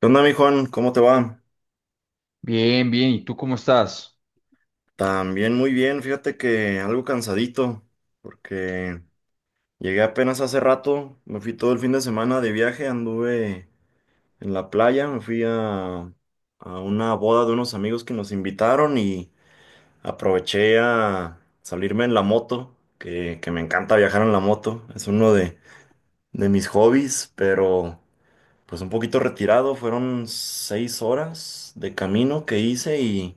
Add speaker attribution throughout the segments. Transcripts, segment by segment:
Speaker 1: ¿Qué onda, mi Juan? ¿Cómo te va?
Speaker 2: Bien, bien. ¿Y tú cómo estás?
Speaker 1: También muy bien, fíjate que algo cansadito, porque llegué apenas hace rato, me fui todo el fin de semana de viaje, anduve en la playa, me fui a una boda de unos amigos que nos invitaron y aproveché a salirme en la moto, que me encanta viajar en la moto, es uno de mis hobbies, pero pues un poquito retirado, fueron 6 horas de camino que hice y...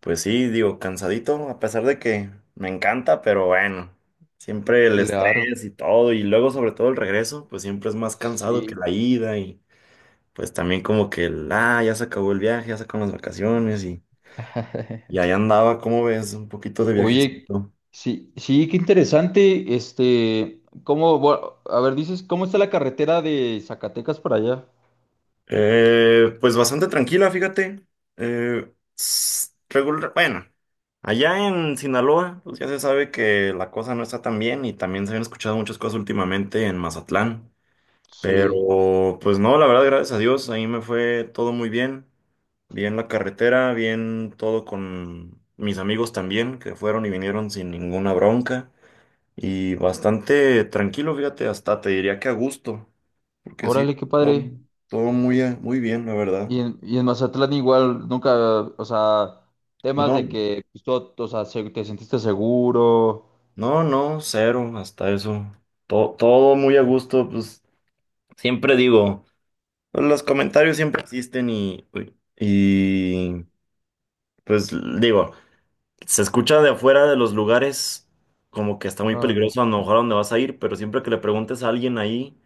Speaker 1: Pues sí, digo, cansadito, a pesar de que me encanta, pero bueno, siempre el
Speaker 2: Claro,
Speaker 1: estrés y todo, y luego sobre todo el regreso, pues siempre es más cansado que
Speaker 2: sí.
Speaker 1: la ida, y pues también como que ya se acabó el viaje, ya se acaban las vacaciones, y ahí andaba, ¿cómo ves? Un poquito de
Speaker 2: Oye,
Speaker 1: viajecito.
Speaker 2: sí, sí, qué interesante. Este, a ver, dices, ¿cómo está la carretera de Zacatecas para allá?
Speaker 1: Pues bastante tranquila, fíjate. Eh, Regular, bueno, allá en Sinaloa, pues ya se sabe que la cosa no está tan bien, y también se han escuchado muchas cosas últimamente en Mazatlán.
Speaker 2: Sí.
Speaker 1: Pero pues no, la verdad, gracias a Dios, ahí me fue todo muy bien. Bien la carretera, bien todo con mis amigos también, que fueron y vinieron sin ninguna bronca. Y bastante tranquilo, fíjate, hasta te diría que a gusto, porque sí,
Speaker 2: Órale, qué
Speaker 1: todo,
Speaker 2: padre.
Speaker 1: todo muy bien, la verdad.
Speaker 2: Y en Mazatlán igual, nunca, o sea, temas
Speaker 1: No,
Speaker 2: de que, pues, todo- o sea, se- te sentiste seguro.
Speaker 1: no, no, cero, hasta eso. Todo, todo muy a gusto, pues siempre digo, pues, los comentarios siempre existen y pues digo. Se escucha de afuera de los lugares como que está muy
Speaker 2: Claro.
Speaker 1: peligroso a lo mejor a donde vas a ir, pero siempre que le preguntes a alguien ahí,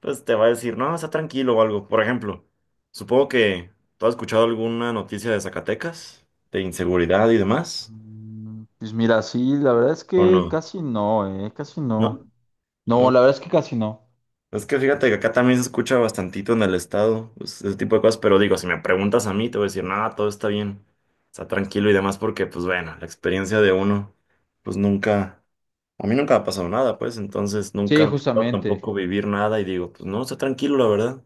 Speaker 1: pues te va a decir, no, está tranquilo o algo. Por ejemplo, supongo que tú has escuchado alguna noticia de Zacatecas, de inseguridad y demás,
Speaker 2: Pues mira, sí, la verdad es
Speaker 1: ¿o
Speaker 2: que
Speaker 1: no?
Speaker 2: casi no, casi no.
Speaker 1: ¿No?
Speaker 2: No,
Speaker 1: No.
Speaker 2: la verdad es que casi no.
Speaker 1: Es que fíjate que acá también se escucha bastantito en el estado, pues, ese tipo de cosas, pero digo, si me preguntas a mí, te voy a decir, no, todo está bien, está tranquilo y demás, porque pues bueno, la experiencia de uno, pues nunca. A mí nunca me ha pasado nada, pues, entonces nunca
Speaker 2: Sí,
Speaker 1: me ha tocado
Speaker 2: justamente.
Speaker 1: tampoco vivir nada y digo, pues no, está tranquilo, la verdad.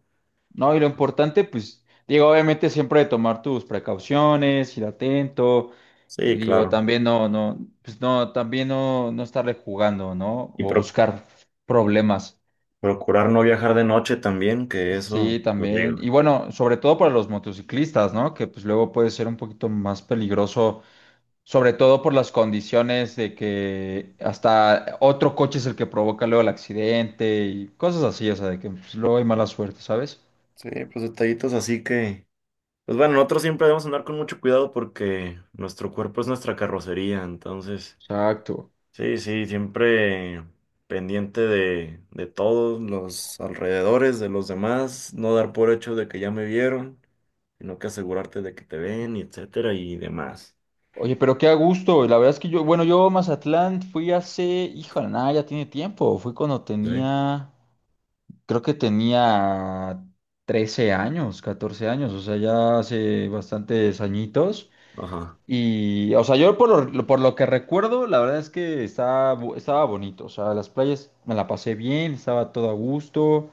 Speaker 2: No, y lo importante, pues, digo, obviamente siempre de tomar tus precauciones, ir atento, y
Speaker 1: Sí,
Speaker 2: digo,
Speaker 1: claro.
Speaker 2: también pues no, también no estarle jugando, ¿no?
Speaker 1: Y
Speaker 2: O buscar problemas.
Speaker 1: procurar no viajar de noche también, que eso,
Speaker 2: Sí,
Speaker 1: lo
Speaker 2: también.
Speaker 1: digo.
Speaker 2: Y bueno, sobre todo para los motociclistas, ¿no? Que pues luego puede ser un poquito más peligroso, sobre todo por las condiciones de que hasta otro coche es el que provoca luego el accidente y cosas así, o sea, de que pues, luego hay mala suerte, ¿sabes?
Speaker 1: Sí, pues detallitos así que, pues bueno, nosotros siempre debemos andar con mucho cuidado porque nuestro cuerpo es nuestra carrocería, entonces,
Speaker 2: Exacto.
Speaker 1: sí, sí, siempre pendiente de todos los alrededores, de los demás, no dar por hecho de que ya me vieron, sino que asegurarte de que te ven y etcétera y demás.
Speaker 2: Oye, pero qué a gusto. La verdad es que yo, bueno, yo a Mazatlán fui hace, híjole, nada, ya tiene tiempo. Fui cuando
Speaker 1: Sí.
Speaker 2: tenía, creo que tenía 13 años, 14 años, o sea, ya hace bastantes añitos.
Speaker 1: Ajá.
Speaker 2: Y, o sea, yo por lo que recuerdo, la verdad es que estaba, estaba bonito. O sea, las playas me la pasé bien, estaba todo a gusto,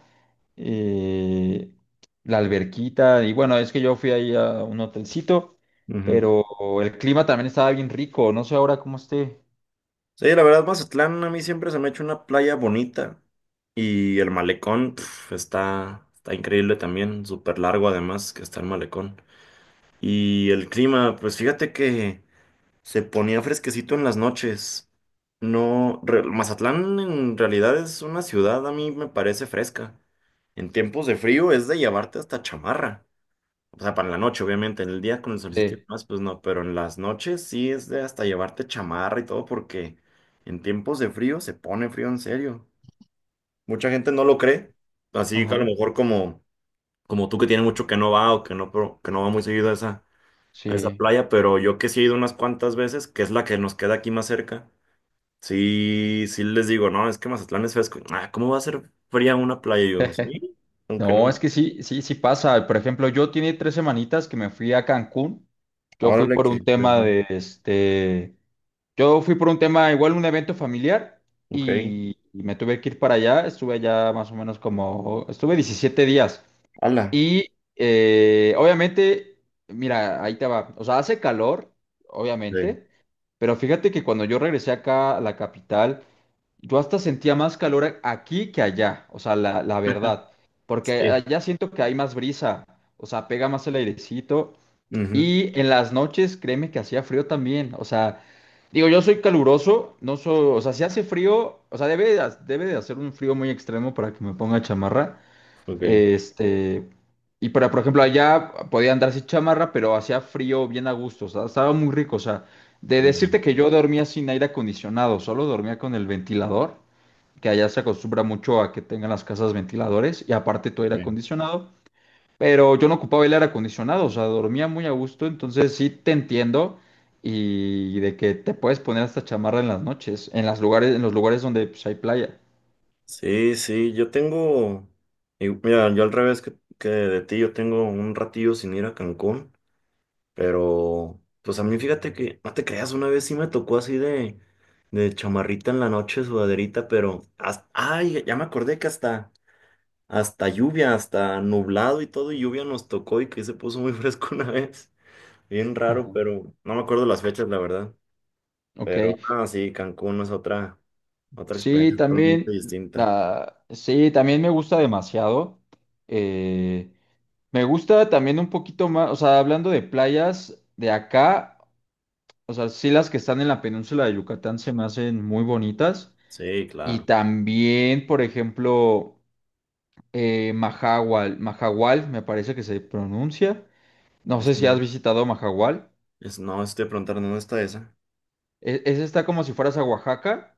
Speaker 2: eh, la alberquita. Y bueno, es que yo fui ahí a un hotelcito,
Speaker 1: Ujú.
Speaker 2: pero el clima también estaba bien rico, no sé ahora cómo esté.
Speaker 1: Sí, la verdad, Mazatlán a mí siempre se me ha hecho una playa bonita. Y el malecón pf, está, está increíble también, súper largo además que está el malecón. Y el clima, pues fíjate que se ponía fresquecito en las noches. No, Mazatlán en realidad es una ciudad, a mí me parece fresca. En tiempos de frío es de llevarte hasta chamarra. O sea, para la noche, obviamente, en el día con el solsticio y
Speaker 2: Sí,
Speaker 1: demás, pues no, pero en las noches sí es de hasta llevarte chamarra y todo, porque en tiempos de frío se pone frío en serio. Mucha gente no lo cree, así que a lo
Speaker 2: ajá,
Speaker 1: mejor como tú que tienes mucho que no va o que no, que no va muy seguido a esa
Speaker 2: sí.
Speaker 1: playa, pero yo que sí he ido unas cuantas veces, que es la que nos queda aquí más cerca, sí, sí les digo, no, es que Mazatlán es fresco. Ah, ¿cómo va a ser fría una playa? Y yo, sí, aunque no,
Speaker 2: No, es que sí, sí, sí pasa. Por ejemplo, yo tiene tres semanitas que me fui a Cancún. Yo fui
Speaker 1: órale
Speaker 2: por un
Speaker 1: que,
Speaker 2: tema de este, yo fui por un tema, igual un evento familiar
Speaker 1: ok,
Speaker 2: y me tuve que ir para allá. Estuve allá más o menos como, estuve 17 días.
Speaker 1: ala.
Speaker 2: Y obviamente, mira, ahí te va. O sea, hace calor,
Speaker 1: Sí.
Speaker 2: obviamente, pero fíjate que cuando yo regresé acá a la capital, yo hasta sentía más calor aquí que allá, o sea, la verdad, porque
Speaker 1: Sí.
Speaker 2: allá siento que hay más brisa, o sea, pega más el airecito,
Speaker 1: Ujú.
Speaker 2: y en las noches, créeme que hacía frío también. O sea, digo, yo soy caluroso, no soy, o sea, si hace frío, o sea, debe de hacer un frío muy extremo para que me ponga chamarra.
Speaker 1: Ok.
Speaker 2: Este, y para, por ejemplo, allá podía andar sin chamarra, pero hacía frío bien a gusto, o sea, estaba muy rico, o sea,
Speaker 1: Qué
Speaker 2: de
Speaker 1: bueno.
Speaker 2: decirte que yo dormía sin aire acondicionado, solo dormía con el ventilador, que allá se acostumbra mucho a que tengan las casas ventiladores y aparte todo aire
Speaker 1: Sí,
Speaker 2: acondicionado, pero yo no ocupaba el aire acondicionado, o sea, dormía muy a gusto, entonces sí te entiendo, y de que te puedes poner hasta chamarra en las noches, en los lugares donde pues, hay playa.
Speaker 1: sí, sí, yo tengo, y mira, yo al revés que de ti, yo tengo un ratillo sin ir a Cancún, pero pues a mí fíjate que, no te creas, una vez sí me tocó así de chamarrita en la noche, sudaderita, pero, hasta, ay, ya me acordé que hasta lluvia, hasta nublado y todo, y lluvia nos tocó y que se puso muy fresco una vez, bien
Speaker 2: Ajá.
Speaker 1: raro, pero no me acuerdo las fechas, la verdad,
Speaker 2: Ok.
Speaker 1: pero, ah, sí, Cancún no es otra. Otra
Speaker 2: Sí,
Speaker 1: experiencia totalmente
Speaker 2: también
Speaker 1: distinta.
Speaker 2: sí, también me gusta demasiado. Eh, Me gusta también un poquito más, o sea, hablando de playas de acá, o sea, sí las que están en la península de Yucatán se me hacen muy bonitas.
Speaker 1: Sí,
Speaker 2: Y
Speaker 1: claro.
Speaker 2: también, por ejemplo, Mahahual, Mahahual, me parece que se pronuncia. No
Speaker 1: Es,
Speaker 2: sé si has visitado Mahahual.
Speaker 1: no, estoy preguntando, ¿dónde está esa?
Speaker 2: Ese está como si fueras a Oaxaca.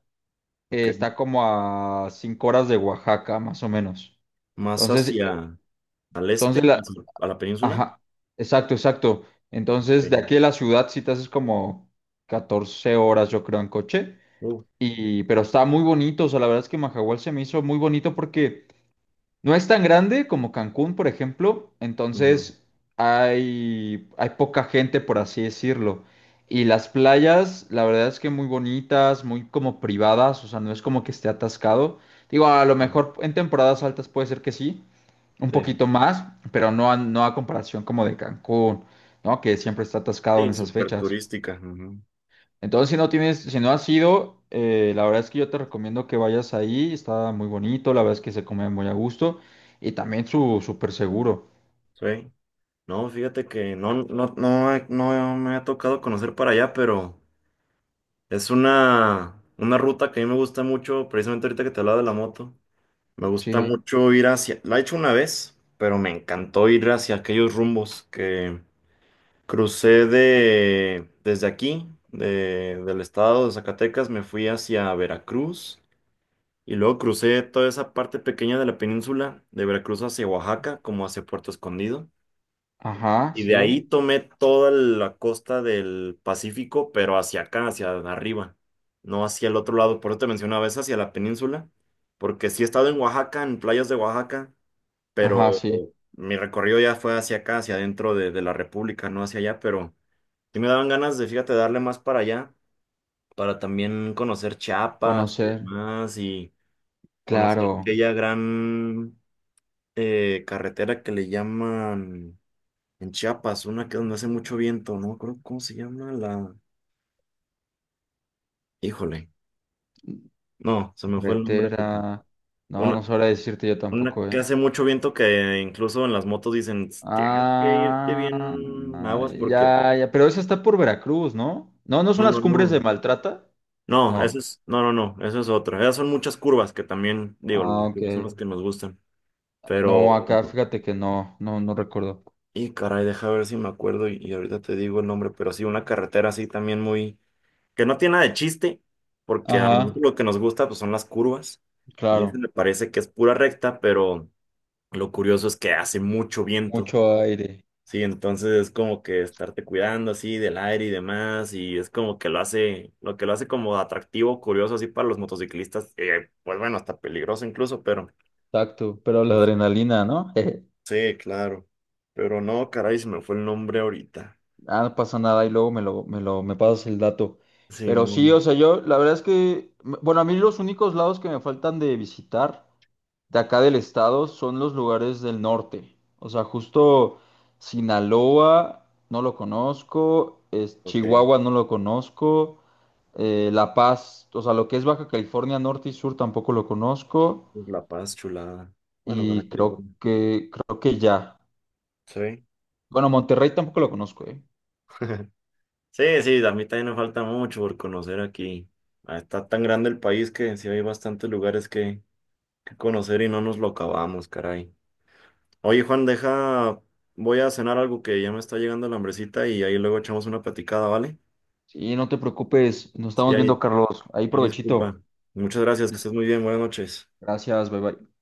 Speaker 1: Ok.
Speaker 2: Está como a 5 horas de Oaxaca, más o menos.
Speaker 1: Más
Speaker 2: Entonces,
Speaker 1: hacia al este,
Speaker 2: entonces la,
Speaker 1: hacia- a la península.
Speaker 2: Ajá, exacto, exacto.
Speaker 1: Ok.
Speaker 2: Entonces, de aquí a la ciudad sí te haces como 14 horas, yo creo, en coche.
Speaker 1: Uf.
Speaker 2: Y, pero está muy bonito, o sea, la verdad es que Majahual se me hizo muy bonito porque no es tan grande como Cancún, por ejemplo.
Speaker 1: Ujú.
Speaker 2: Entonces hay poca gente, por así decirlo. Y las playas, la verdad es que muy bonitas, muy como privadas, o sea, no es como que esté atascado. Digo, a lo
Speaker 1: Sí,
Speaker 2: mejor en temporadas altas puede ser que sí, un
Speaker 1: sí.
Speaker 2: poquito más, pero no a comparación como de Cancún, ¿no? Que siempre está atascado en
Speaker 1: Sí,
Speaker 2: esas
Speaker 1: súper
Speaker 2: fechas.
Speaker 1: turística. Ujú.
Speaker 2: Entonces, si no tienes, si no has ido, la verdad es que yo te recomiendo que vayas ahí. Está muy bonito, la verdad es que se come muy a gusto y también su súper seguro.
Speaker 1: Sí. No, fíjate que no, no, no, no me ha tocado conocer para allá, pero es una ruta que a mí me gusta mucho, precisamente ahorita que te hablaba de la moto. Me gusta
Speaker 2: Sí,
Speaker 1: mucho ir hacia, la he hecho una vez, pero me encantó ir hacia aquellos rumbos que crucé desde aquí, del estado de Zacatecas, me fui hacia Veracruz y luego crucé toda esa parte pequeña de la península, de Veracruz hacia Oaxaca, como hacia Puerto Escondido.
Speaker 2: ajá,
Speaker 1: Y de ahí
Speaker 2: sí,
Speaker 1: tomé toda la costa del Pacífico, pero hacia acá, hacia arriba, no hacia el otro lado. Por eso te mencionaba, es hacia la península, porque sí he estado en Oaxaca, en playas de Oaxaca, pero
Speaker 2: ajá, sí.
Speaker 1: mi recorrido ya fue hacia acá, hacia adentro de la República, no hacia allá, pero... Sí me daban ganas de, fíjate, darle más para allá, para también conocer Chiapas y
Speaker 2: Conocer,
Speaker 1: demás, y conocer
Speaker 2: claro,
Speaker 1: aquella gran carretera que le llaman en Chiapas, una que donde hace mucho viento, no me acuerdo cómo se llama la... Híjole, no, se me fue el nombre
Speaker 2: carretera.
Speaker 1: ahorita.
Speaker 2: No, no
Speaker 1: Una,
Speaker 2: sabré decirte yo
Speaker 1: una
Speaker 2: tampoco,
Speaker 1: que
Speaker 2: ¿eh?
Speaker 1: hace mucho viento que incluso en las motos dicen, tienes que irte
Speaker 2: Ah,
Speaker 1: bien aguas porque...
Speaker 2: ya,
Speaker 1: te-
Speaker 2: ya, pero esa está por Veracruz, ¿no? No, ¿no
Speaker 1: No,
Speaker 2: son
Speaker 1: no,
Speaker 2: las cumbres de
Speaker 1: no.
Speaker 2: Maltrata?
Speaker 1: No, eso
Speaker 2: No.
Speaker 1: es, no, no, no, eso es otra. Esas son muchas curvas que también, digo,
Speaker 2: Ah,
Speaker 1: las
Speaker 2: ok.
Speaker 1: curvas son las que nos gustan. Pero,
Speaker 2: No, acá fíjate que no recuerdo.
Speaker 1: y caray, deja ver si me acuerdo y ahorita te digo el nombre, pero sí, una carretera así también muy, que no tiene nada de chiste, porque a
Speaker 2: Ajá.
Speaker 1: nosotros lo que nos gusta pues son las curvas. Y eso
Speaker 2: Claro,
Speaker 1: me parece que es pura recta, pero lo curioso es que hace mucho viento.
Speaker 2: mucho aire,
Speaker 1: Sí, entonces es como que estarte cuidando así del aire y demás, y es como que lo hace, lo que lo hace como atractivo, curioso así para los motociclistas, pues bueno, hasta peligroso incluso, pero
Speaker 2: tacto, pero la adrenalina, ¿no?
Speaker 1: sí, claro. Pero no, caray, se me fue el nombre ahorita.
Speaker 2: Ah, no pasa nada, y luego me lo, me pasas el dato. Pero
Speaker 1: Simón.
Speaker 2: sí, o sea, yo, la verdad es que, bueno, a mí los únicos lados que me faltan de visitar de acá del estado son los lugares del norte. O sea, justo Sinaloa, no lo conozco, es,
Speaker 1: Ok.
Speaker 2: Chihuahua, no lo conozco, La Paz, o sea, lo que es Baja California Norte y Sur tampoco lo conozco,
Speaker 1: La Paz, chulada. Bueno, Baja
Speaker 2: y
Speaker 1: California.
Speaker 2: creo que ya.
Speaker 1: Sí.
Speaker 2: Bueno, Monterrey tampoco lo conozco, ¿eh?
Speaker 1: Sí, sí, a mí también me falta mucho por conocer aquí. Ah, está tan grande el país que sí hay bastantes lugares que conocer y no nos lo acabamos, caray. Oye, Juan, deja, voy a cenar algo que ya me está llegando la hambrecita y ahí luego echamos una platicada, ¿vale?
Speaker 2: Sí, no te preocupes. Nos
Speaker 1: Sí,
Speaker 2: estamos viendo,
Speaker 1: ahí,
Speaker 2: Carlos. Ahí
Speaker 1: ahí
Speaker 2: provechito.
Speaker 1: disculpa. Muchas gracias, que
Speaker 2: Des-
Speaker 1: estés muy bien, buenas noches.
Speaker 2: Gracias, bye bye.